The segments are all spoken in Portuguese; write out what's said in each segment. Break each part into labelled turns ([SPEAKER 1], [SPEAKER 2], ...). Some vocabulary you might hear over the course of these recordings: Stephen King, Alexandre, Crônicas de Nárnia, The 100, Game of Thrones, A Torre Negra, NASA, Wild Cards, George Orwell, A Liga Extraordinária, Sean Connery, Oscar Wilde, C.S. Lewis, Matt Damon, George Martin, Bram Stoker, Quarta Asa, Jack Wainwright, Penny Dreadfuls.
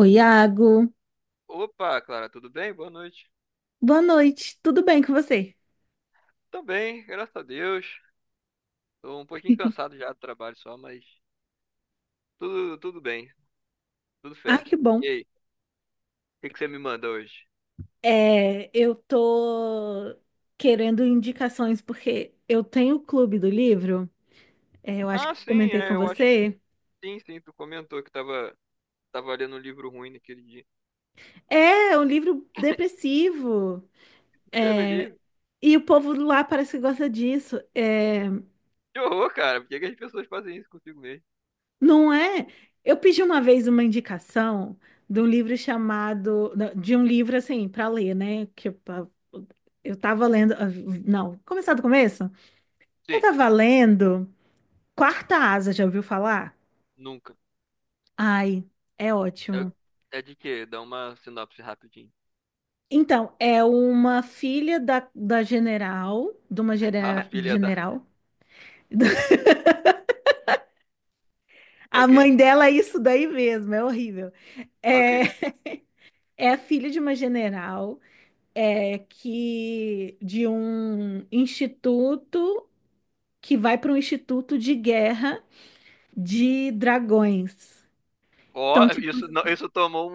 [SPEAKER 1] Oi, Iago.
[SPEAKER 2] Opa, Clara, tudo bem? Boa noite.
[SPEAKER 1] Boa noite. Tudo bem com você?
[SPEAKER 2] Também, graças a Deus. Tô um pouquinho cansado já do trabalho só, mas tudo bem, tudo
[SPEAKER 1] Ai,
[SPEAKER 2] fé.
[SPEAKER 1] que
[SPEAKER 2] E
[SPEAKER 1] bom.
[SPEAKER 2] aí, o que que você me manda hoje?
[SPEAKER 1] Eu tô querendo indicações porque eu tenho o clube do livro. É, eu acho que
[SPEAKER 2] Ah,
[SPEAKER 1] eu
[SPEAKER 2] sim,
[SPEAKER 1] comentei com
[SPEAKER 2] eu acho que
[SPEAKER 1] você.
[SPEAKER 2] sim, sim. Tu comentou que tava lendo um livro ruim naquele dia.
[SPEAKER 1] É é um livro depressivo.
[SPEAKER 2] Deus me
[SPEAKER 1] É,
[SPEAKER 2] livre.
[SPEAKER 1] e o povo lá parece que gosta disso. É,
[SPEAKER 2] Que horror, cara. Por que que as pessoas fazem isso consigo mesmo?
[SPEAKER 1] não é? Eu pedi uma vez uma indicação de um livro chamado, não, de um livro assim para ler, né? Eu tava lendo. Não, começar do começo. Eu
[SPEAKER 2] Sim,
[SPEAKER 1] tava lendo Quarta Asa, já ouviu falar?
[SPEAKER 2] nunca.
[SPEAKER 1] Ai, é ótimo.
[SPEAKER 2] É, é de quê? Dá uma sinopse rapidinho.
[SPEAKER 1] Então, é uma filha da general, de uma
[SPEAKER 2] Ah, filha da.
[SPEAKER 1] general. A
[SPEAKER 2] Ok,
[SPEAKER 1] mãe dela é isso daí mesmo, é horrível.
[SPEAKER 2] ok.
[SPEAKER 1] É, é filha de uma general, é que de um instituto que vai para um instituto de guerra de dragões.
[SPEAKER 2] Ó,
[SPEAKER 1] Então, tipo.
[SPEAKER 2] isso, não- isso tomou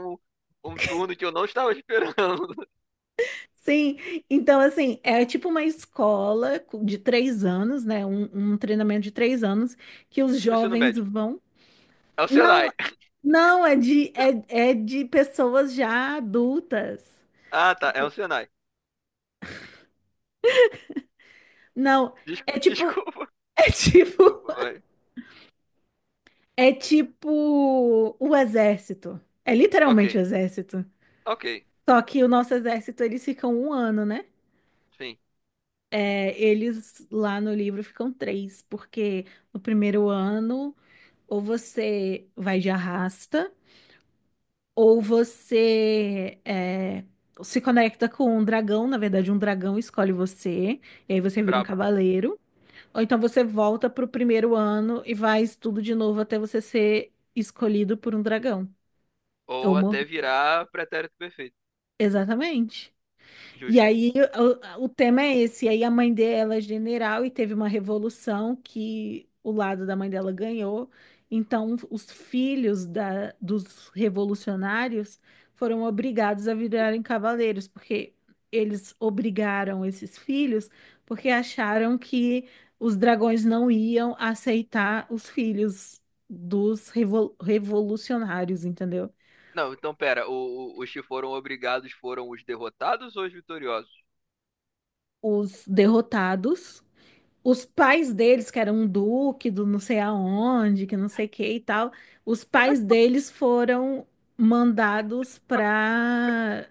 [SPEAKER 2] um turno que eu não estava esperando.
[SPEAKER 1] Sim, então assim, é tipo uma escola de três anos, né? Um treinamento de três anos que os
[SPEAKER 2] Ensino
[SPEAKER 1] jovens
[SPEAKER 2] médio.
[SPEAKER 1] vão.
[SPEAKER 2] É o
[SPEAKER 1] Não,
[SPEAKER 2] Senai.
[SPEAKER 1] não, é de pessoas já adultas.
[SPEAKER 2] Ah, tá. É o Senai.
[SPEAKER 1] Não,
[SPEAKER 2] Desculpa,
[SPEAKER 1] é tipo,
[SPEAKER 2] desculpa.
[SPEAKER 1] é tipo,
[SPEAKER 2] Desculpa, vai.
[SPEAKER 1] é tipo o exército. É
[SPEAKER 2] Ok.
[SPEAKER 1] literalmente o exército.
[SPEAKER 2] Ok.
[SPEAKER 1] Só que o nosso exército, eles ficam um ano, né?
[SPEAKER 2] Sim.
[SPEAKER 1] É, eles lá no livro ficam três, porque no primeiro ano, ou você vai de arrasta. Ou você é, se conecta com um dragão, na verdade, um dragão escolhe você, e aí você vira um
[SPEAKER 2] Brabo.
[SPEAKER 1] cavaleiro. Ou então você volta pro primeiro ano e faz tudo de novo até você ser escolhido por um dragão. Ou
[SPEAKER 2] Ou
[SPEAKER 1] mor...
[SPEAKER 2] até virar pretérito perfeito.
[SPEAKER 1] Exatamente. E
[SPEAKER 2] Justo.
[SPEAKER 1] aí o tema é esse. E aí a mãe dela é general e teve uma revolução que o lado da mãe dela ganhou. Então os filhos dos revolucionários foram obrigados a virarem cavaleiros, porque eles obrigaram esses filhos porque acharam que os dragões não iam aceitar os filhos dos revolucionários, entendeu?
[SPEAKER 2] Não, então pera. Os que foram obrigados foram os derrotados ou os vitoriosos?
[SPEAKER 1] Os derrotados. Os pais deles, que eram um duque do não sei aonde, que não sei o que e tal, os
[SPEAKER 2] Como é
[SPEAKER 1] pais
[SPEAKER 2] que...
[SPEAKER 1] deles foram mandados para.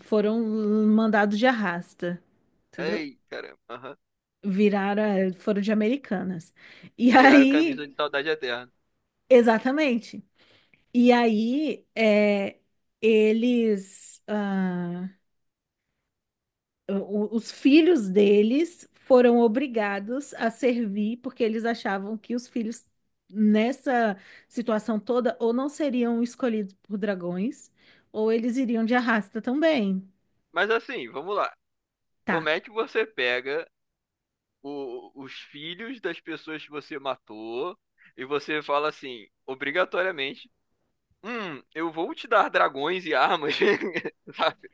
[SPEAKER 1] Foram mandados de arrasta, entendeu?
[SPEAKER 2] Ei, caramba. Aham.
[SPEAKER 1] Viraram, foram de Americanas. E
[SPEAKER 2] Viraram
[SPEAKER 1] aí,
[SPEAKER 2] camisa de saudade eterna.
[SPEAKER 1] exatamente. E aí, eles. Os filhos deles foram obrigados a servir porque eles achavam que os filhos nessa situação toda ou não seriam escolhidos por dragões ou eles iriam de arrasta também.
[SPEAKER 2] Mas assim, vamos lá. Como
[SPEAKER 1] Tá.
[SPEAKER 2] é que você pega os filhos das pessoas que você matou e você fala assim, obrigatoriamente, hum, eu vou te dar dragões e armas, sabe?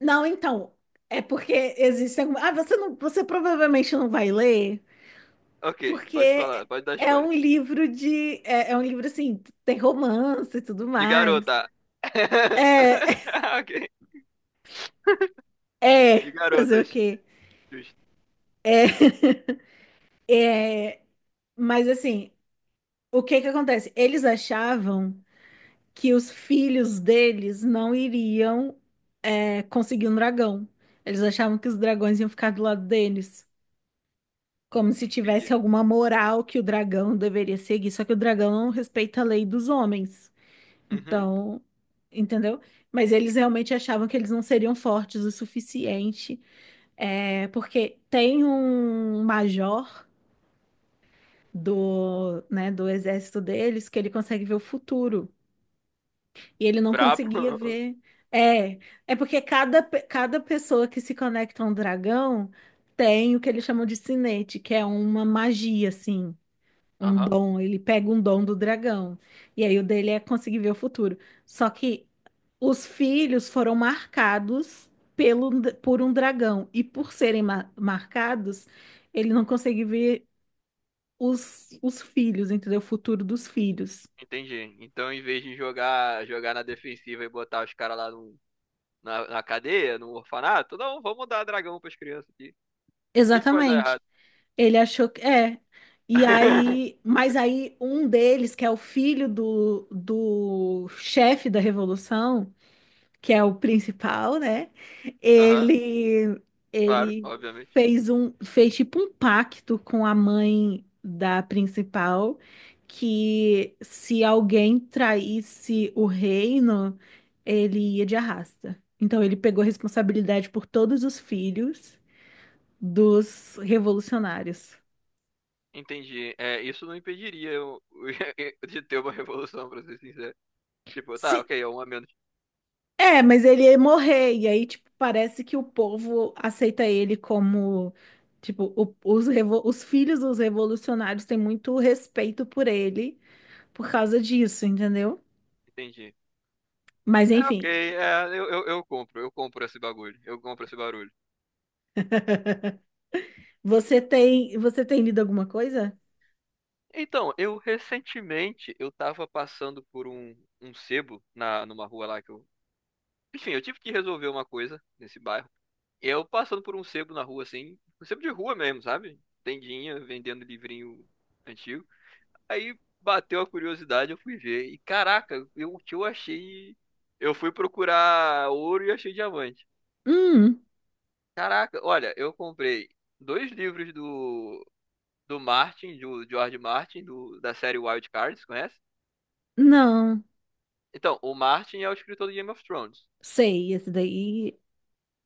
[SPEAKER 1] Não, então, é porque existem alguma... Ah, você provavelmente não vai ler,
[SPEAKER 2] Ok,
[SPEAKER 1] porque
[SPEAKER 2] pode falar, pode dar
[SPEAKER 1] é
[SPEAKER 2] spoiler.
[SPEAKER 1] um livro de é um livro assim, tem romance e tudo
[SPEAKER 2] De
[SPEAKER 1] mais.
[SPEAKER 2] garota.
[SPEAKER 1] É,
[SPEAKER 2] Ok,
[SPEAKER 1] é,
[SPEAKER 2] de
[SPEAKER 1] fazer o
[SPEAKER 2] garotas.
[SPEAKER 1] quê?
[SPEAKER 2] Justo,
[SPEAKER 1] É, mas assim, o que que acontece? Eles achavam que os filhos deles não iriam, é, conseguir um dragão. Eles achavam que os dragões iam ficar do lado deles, como se tivesse
[SPEAKER 2] entendi.
[SPEAKER 1] alguma moral que o dragão deveria seguir. Só que o dragão não respeita a lei dos homens.
[SPEAKER 2] Uhum,
[SPEAKER 1] Então, entendeu? Mas eles realmente achavam que eles não seriam fortes o suficiente, é, porque tem um major né, do exército deles que ele consegue ver o futuro. E ele não
[SPEAKER 2] brabo.
[SPEAKER 1] conseguia ver. É, é porque cada pessoa que se conecta a um dragão tem o que eles chamam de sinete, que é uma magia, assim, um
[SPEAKER 2] Aham,
[SPEAKER 1] dom. Ele pega um dom do dragão. E aí o dele é conseguir ver o futuro. Só que os filhos foram marcados pelo, por um dragão. E por serem marcados, ele não consegue ver os filhos, entendeu? O futuro dos filhos.
[SPEAKER 2] entendi. Então, em vez de jogar, jogar na defensiva e botar os caras lá no, na cadeia, no orfanato, não, vamos dar dragão pras crianças aqui. A gente pode dar
[SPEAKER 1] Exatamente.
[SPEAKER 2] errado.
[SPEAKER 1] Ele achou que é. E aí, mas aí um deles, que é o filho do chefe da revolução, que é o principal, né?
[SPEAKER 2] Aham,
[SPEAKER 1] Ele
[SPEAKER 2] claro,
[SPEAKER 1] ele
[SPEAKER 2] obviamente.
[SPEAKER 1] fez tipo um pacto com a mãe da principal que se alguém traísse o reino, ele ia de arrasta. Então ele pegou responsabilidade por todos os filhos dos revolucionários.
[SPEAKER 2] Entendi. É, isso não impediria eu, de ter uma revolução, pra ser sincero. Tipo, tá,
[SPEAKER 1] Se-
[SPEAKER 2] ok, é um a menos.
[SPEAKER 1] É, mas ele ia morrer, e aí, tipo, parece que o povo aceita ele como, tipo, os filhos dos revolucionários têm muito respeito por ele por causa disso, entendeu?
[SPEAKER 2] Entendi.
[SPEAKER 1] Mas
[SPEAKER 2] É, ok,
[SPEAKER 1] enfim,
[SPEAKER 2] eu compro, eu compro esse bagulho, eu compro esse barulho.
[SPEAKER 1] você tem lido alguma coisa?
[SPEAKER 2] Então, eu recentemente, eu tava passando por um sebo na, numa rua lá que eu... Enfim, eu tive que resolver uma coisa nesse bairro. Eu passando por um sebo na rua, assim, um sebo de rua mesmo, sabe? Tendinha, vendendo livrinho antigo. Aí bateu a curiosidade, eu fui ver. E caraca, eu, o que eu achei... Eu fui procurar ouro e achei diamante.
[SPEAKER 1] Hum,
[SPEAKER 2] Caraca, olha, eu comprei 2 livros do Martin, do George Martin, do, da série Wild Cards, conhece?
[SPEAKER 1] não,
[SPEAKER 2] Então, o Martin é o escritor do Game of Thrones.
[SPEAKER 1] sei, esse daí,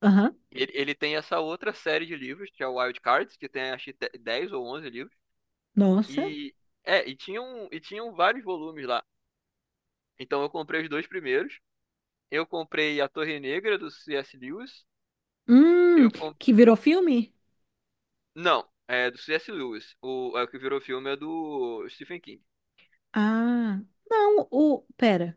[SPEAKER 1] aham,
[SPEAKER 2] Ele tem essa outra série de livros, que é o Wild Cards, que tem acho que 10 ou 11 livros.
[SPEAKER 1] nossa,
[SPEAKER 2] E, e tinham vários volumes lá. Então eu comprei os dois primeiros. Eu comprei A Torre Negra, do C.S. Lewis.
[SPEAKER 1] hum,
[SPEAKER 2] Eu comp...
[SPEAKER 1] que virou filme?
[SPEAKER 2] Não, é do C.S. Lewis. O, é o que virou filme é do Stephen King.
[SPEAKER 1] Ah, não, pera,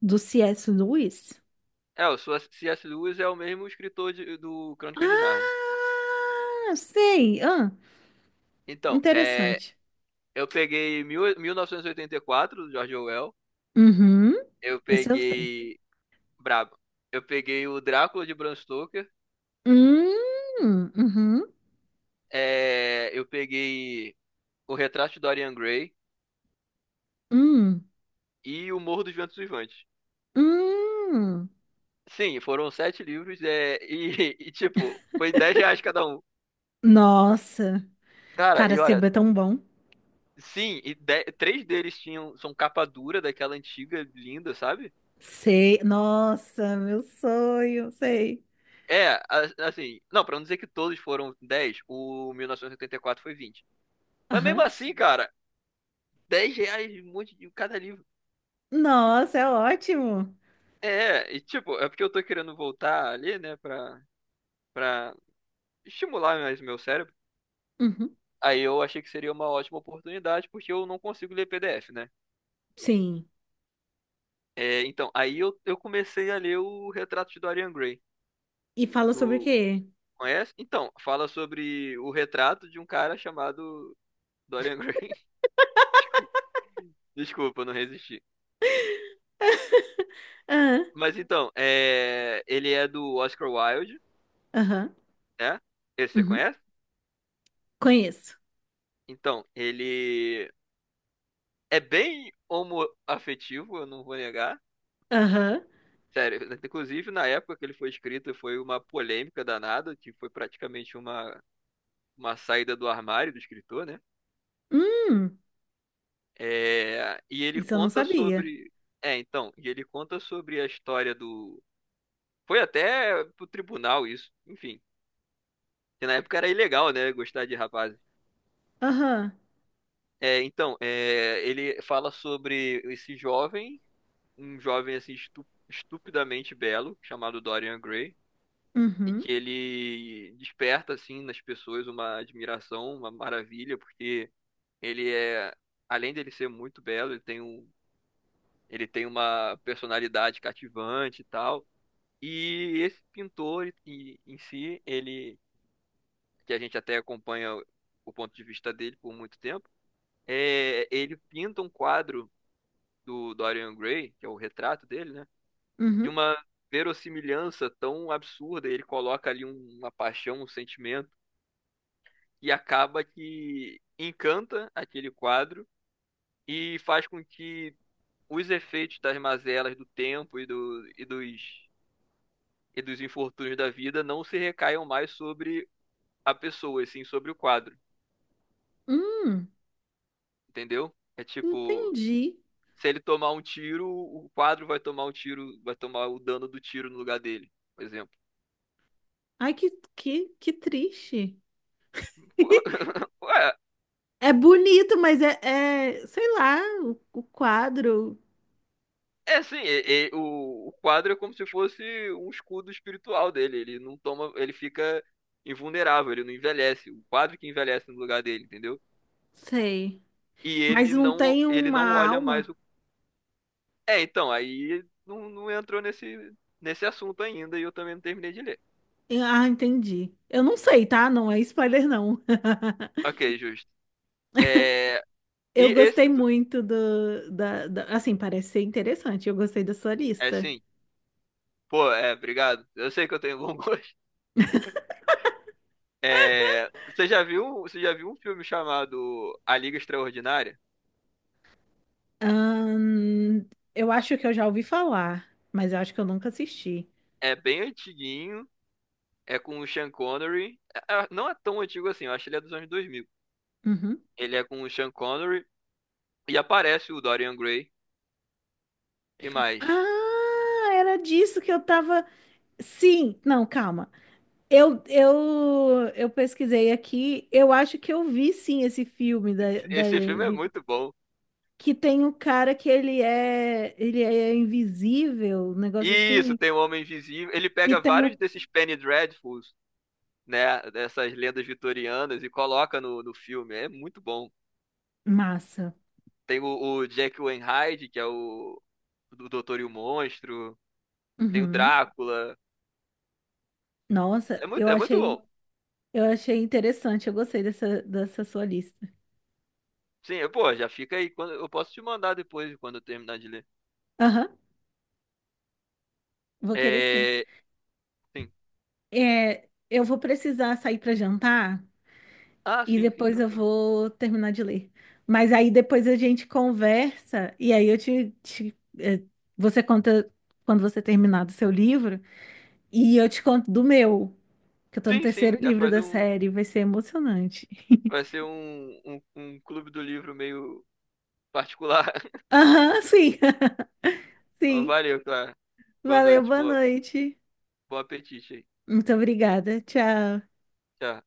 [SPEAKER 1] do C.S. Lewis?
[SPEAKER 2] É, o C.S. Lewis é o mesmo escritor do Crônicas de Nárnia.
[SPEAKER 1] Ah, sei,
[SPEAKER 2] Então,
[SPEAKER 1] interessante.
[SPEAKER 2] eu peguei 1984, do George Orwell.
[SPEAKER 1] Uhum.
[SPEAKER 2] Eu
[SPEAKER 1] Esse eu tenho.
[SPEAKER 2] peguei... Brabo. Eu peguei o Drácula de Bram Stoker.
[SPEAKER 1] Uhum,
[SPEAKER 2] Eu peguei o Retrato de Dorian Gray
[SPEAKER 1] hum,
[SPEAKER 2] e o Morro dos Ventos Uivantes.
[SPEAKER 1] hum.
[SPEAKER 2] Sim, foram 7 livros e, tipo, foi 10 reais cada um.
[SPEAKER 1] Nossa,
[SPEAKER 2] Cara,
[SPEAKER 1] cara,
[SPEAKER 2] e olha,
[SPEAKER 1] sebo é tão bom.
[SPEAKER 2] sim, e 3 deles tinham, são capa dura daquela antiga, linda, sabe?
[SPEAKER 1] Sei, nossa, meu sonho, sei.
[SPEAKER 2] É, assim, não, pra não dizer que todos foram 10. O 1984 foi 20. Mas mesmo
[SPEAKER 1] Aham.
[SPEAKER 2] assim, cara, 10 reais um monte de cada livro.
[SPEAKER 1] Nossa, é ótimo.
[SPEAKER 2] É, e tipo, é porque eu tô querendo voltar ali, né, pra estimular mais o meu cérebro.
[SPEAKER 1] Uhum.
[SPEAKER 2] Aí eu achei que seria uma ótima oportunidade, porque eu não consigo ler PDF, né?
[SPEAKER 1] Sim.
[SPEAKER 2] É, então, aí eu comecei a ler o Retrato de Dorian Gray.
[SPEAKER 1] E fala sobre o
[SPEAKER 2] Tu
[SPEAKER 1] quê?
[SPEAKER 2] conhece? Então, fala sobre o retrato de um cara chamado Dorian Gray. Desculpa, eu não resisti.
[SPEAKER 1] Aham,
[SPEAKER 2] Mas então, ele é do Oscar Wilde,
[SPEAKER 1] aham,
[SPEAKER 2] né? Esse você
[SPEAKER 1] uhum.
[SPEAKER 2] conhece?
[SPEAKER 1] Conheço.
[SPEAKER 2] Então, ele é bem homoafetivo, eu não vou negar.
[SPEAKER 1] Aham.
[SPEAKER 2] Sério, inclusive na época que ele foi escrito foi uma polêmica danada, que foi praticamente uma saída do armário do escritor, né?
[SPEAKER 1] Hum,
[SPEAKER 2] É, e ele
[SPEAKER 1] isso eu não
[SPEAKER 2] conta
[SPEAKER 1] sabia.
[SPEAKER 2] sobre. É, então, e ele conta sobre a história do. Foi até pro tribunal isso, enfim. Que na época era ilegal, né? Gostar de rapazes.
[SPEAKER 1] Aham.
[SPEAKER 2] É, então, ele fala sobre esse jovem, um jovem assim estupidamente belo, chamado Dorian Gray, e
[SPEAKER 1] Uhum,
[SPEAKER 2] que ele desperta assim nas pessoas uma admiração, uma maravilha, porque ele é, além dele ser muito belo, ele tem um, ele tem uma personalidade cativante e tal. E esse pintor em si, que a gente até acompanha o ponto de vista dele por muito tempo, ele pinta um quadro do Dorian Gray, que é o retrato dele, né? De
[SPEAKER 1] uhum,
[SPEAKER 2] uma verossimilhança tão absurda, ele coloca ali uma paixão, um sentimento, e acaba que encanta aquele quadro e faz com que os efeitos das mazelas do tempo e dos infortúnios da vida não se recaiam mais sobre a pessoa, e sim sobre o quadro,
[SPEAKER 1] hum.
[SPEAKER 2] entendeu? É tipo,
[SPEAKER 1] Entendi.
[SPEAKER 2] se ele tomar um tiro, o quadro vai tomar um tiro, vai tomar o dano do tiro no lugar dele, por exemplo.
[SPEAKER 1] Ai, que triste.
[SPEAKER 2] Ué,
[SPEAKER 1] É bonito, mas é, sei lá, o quadro,
[SPEAKER 2] é assim, o quadro é como se fosse um escudo espiritual dele. Ele não toma, ele fica invulnerável, ele não envelhece. O quadro que envelhece no lugar dele, entendeu?
[SPEAKER 1] sei.
[SPEAKER 2] E
[SPEAKER 1] Mas não tem
[SPEAKER 2] ele
[SPEAKER 1] uma
[SPEAKER 2] não olha
[SPEAKER 1] alma.
[SPEAKER 2] mais o. É, então, aí não entrou nesse assunto ainda e eu também não terminei de ler.
[SPEAKER 1] Ah, entendi. Eu não sei, tá? Não é spoiler, não.
[SPEAKER 2] Ok, justo. É, e
[SPEAKER 1] Eu
[SPEAKER 2] esse,
[SPEAKER 1] gostei muito assim, parece ser interessante. Eu gostei da sua
[SPEAKER 2] é
[SPEAKER 1] lista.
[SPEAKER 2] sim. Pô, obrigado. Eu sei que eu tenho bom gosto. É, você já viu um filme chamado A Liga Extraordinária?
[SPEAKER 1] Ahn, eu acho que eu já ouvi falar, mas eu acho que eu nunca assisti.
[SPEAKER 2] É bem antiguinho. É com o Sean Connery. Não é tão antigo assim, eu acho que ele é dos anos 2000.
[SPEAKER 1] Uhum.
[SPEAKER 2] Ele é com o Sean Connery e aparece o Dorian Gray. Que mais?
[SPEAKER 1] Ah, era disso que eu tava. Sim, não, calma. Eu pesquisei aqui, eu acho que eu vi sim esse filme da,
[SPEAKER 2] Esse filme é muito bom.
[SPEAKER 1] que tem um cara ele é invisível, um negócio
[SPEAKER 2] Isso,
[SPEAKER 1] assim,
[SPEAKER 2] tem o Homem Invisível. Ele
[SPEAKER 1] e
[SPEAKER 2] pega
[SPEAKER 1] tem
[SPEAKER 2] vários
[SPEAKER 1] o...
[SPEAKER 2] desses Penny Dreadfuls, né? Dessas lendas vitorianas e coloca no filme. É muito bom.
[SPEAKER 1] Massa.
[SPEAKER 2] Tem o Jack Wainwright, que é o do Doutor e o Monstro. Tem o
[SPEAKER 1] Uhum.
[SPEAKER 2] Drácula.
[SPEAKER 1] Nossa,
[SPEAKER 2] É muito, é muito bom.
[SPEAKER 1] eu achei interessante, eu gostei dessa, dessa sua lista.
[SPEAKER 2] Sim, pô, já fica aí. Quando, eu posso te mandar depois, quando eu terminar de ler.
[SPEAKER 1] Aham, vou querer sim.
[SPEAKER 2] É, sim.
[SPEAKER 1] É, eu vou precisar sair para jantar,
[SPEAKER 2] Ah,
[SPEAKER 1] e
[SPEAKER 2] sim, sim,
[SPEAKER 1] depois eu
[SPEAKER 2] tranquilo.
[SPEAKER 1] vou terminar de ler. Mas aí depois a gente conversa, e aí eu te, você conta quando você terminar do seu livro, e eu te conto do meu, que eu tô no
[SPEAKER 2] Sim,
[SPEAKER 1] terceiro
[SPEAKER 2] sim, já
[SPEAKER 1] livro
[SPEAKER 2] faz
[SPEAKER 1] da
[SPEAKER 2] um.
[SPEAKER 1] série, vai ser emocionante.
[SPEAKER 2] Vai ser um clube do livro meio particular.
[SPEAKER 1] Aham, sim, sim.
[SPEAKER 2] Valeu, Clara. Boa
[SPEAKER 1] Valeu,
[SPEAKER 2] noite,
[SPEAKER 1] boa
[SPEAKER 2] boa,
[SPEAKER 1] noite.
[SPEAKER 2] bom apetite aí.
[SPEAKER 1] Muito obrigada. Tchau.
[SPEAKER 2] Tchau.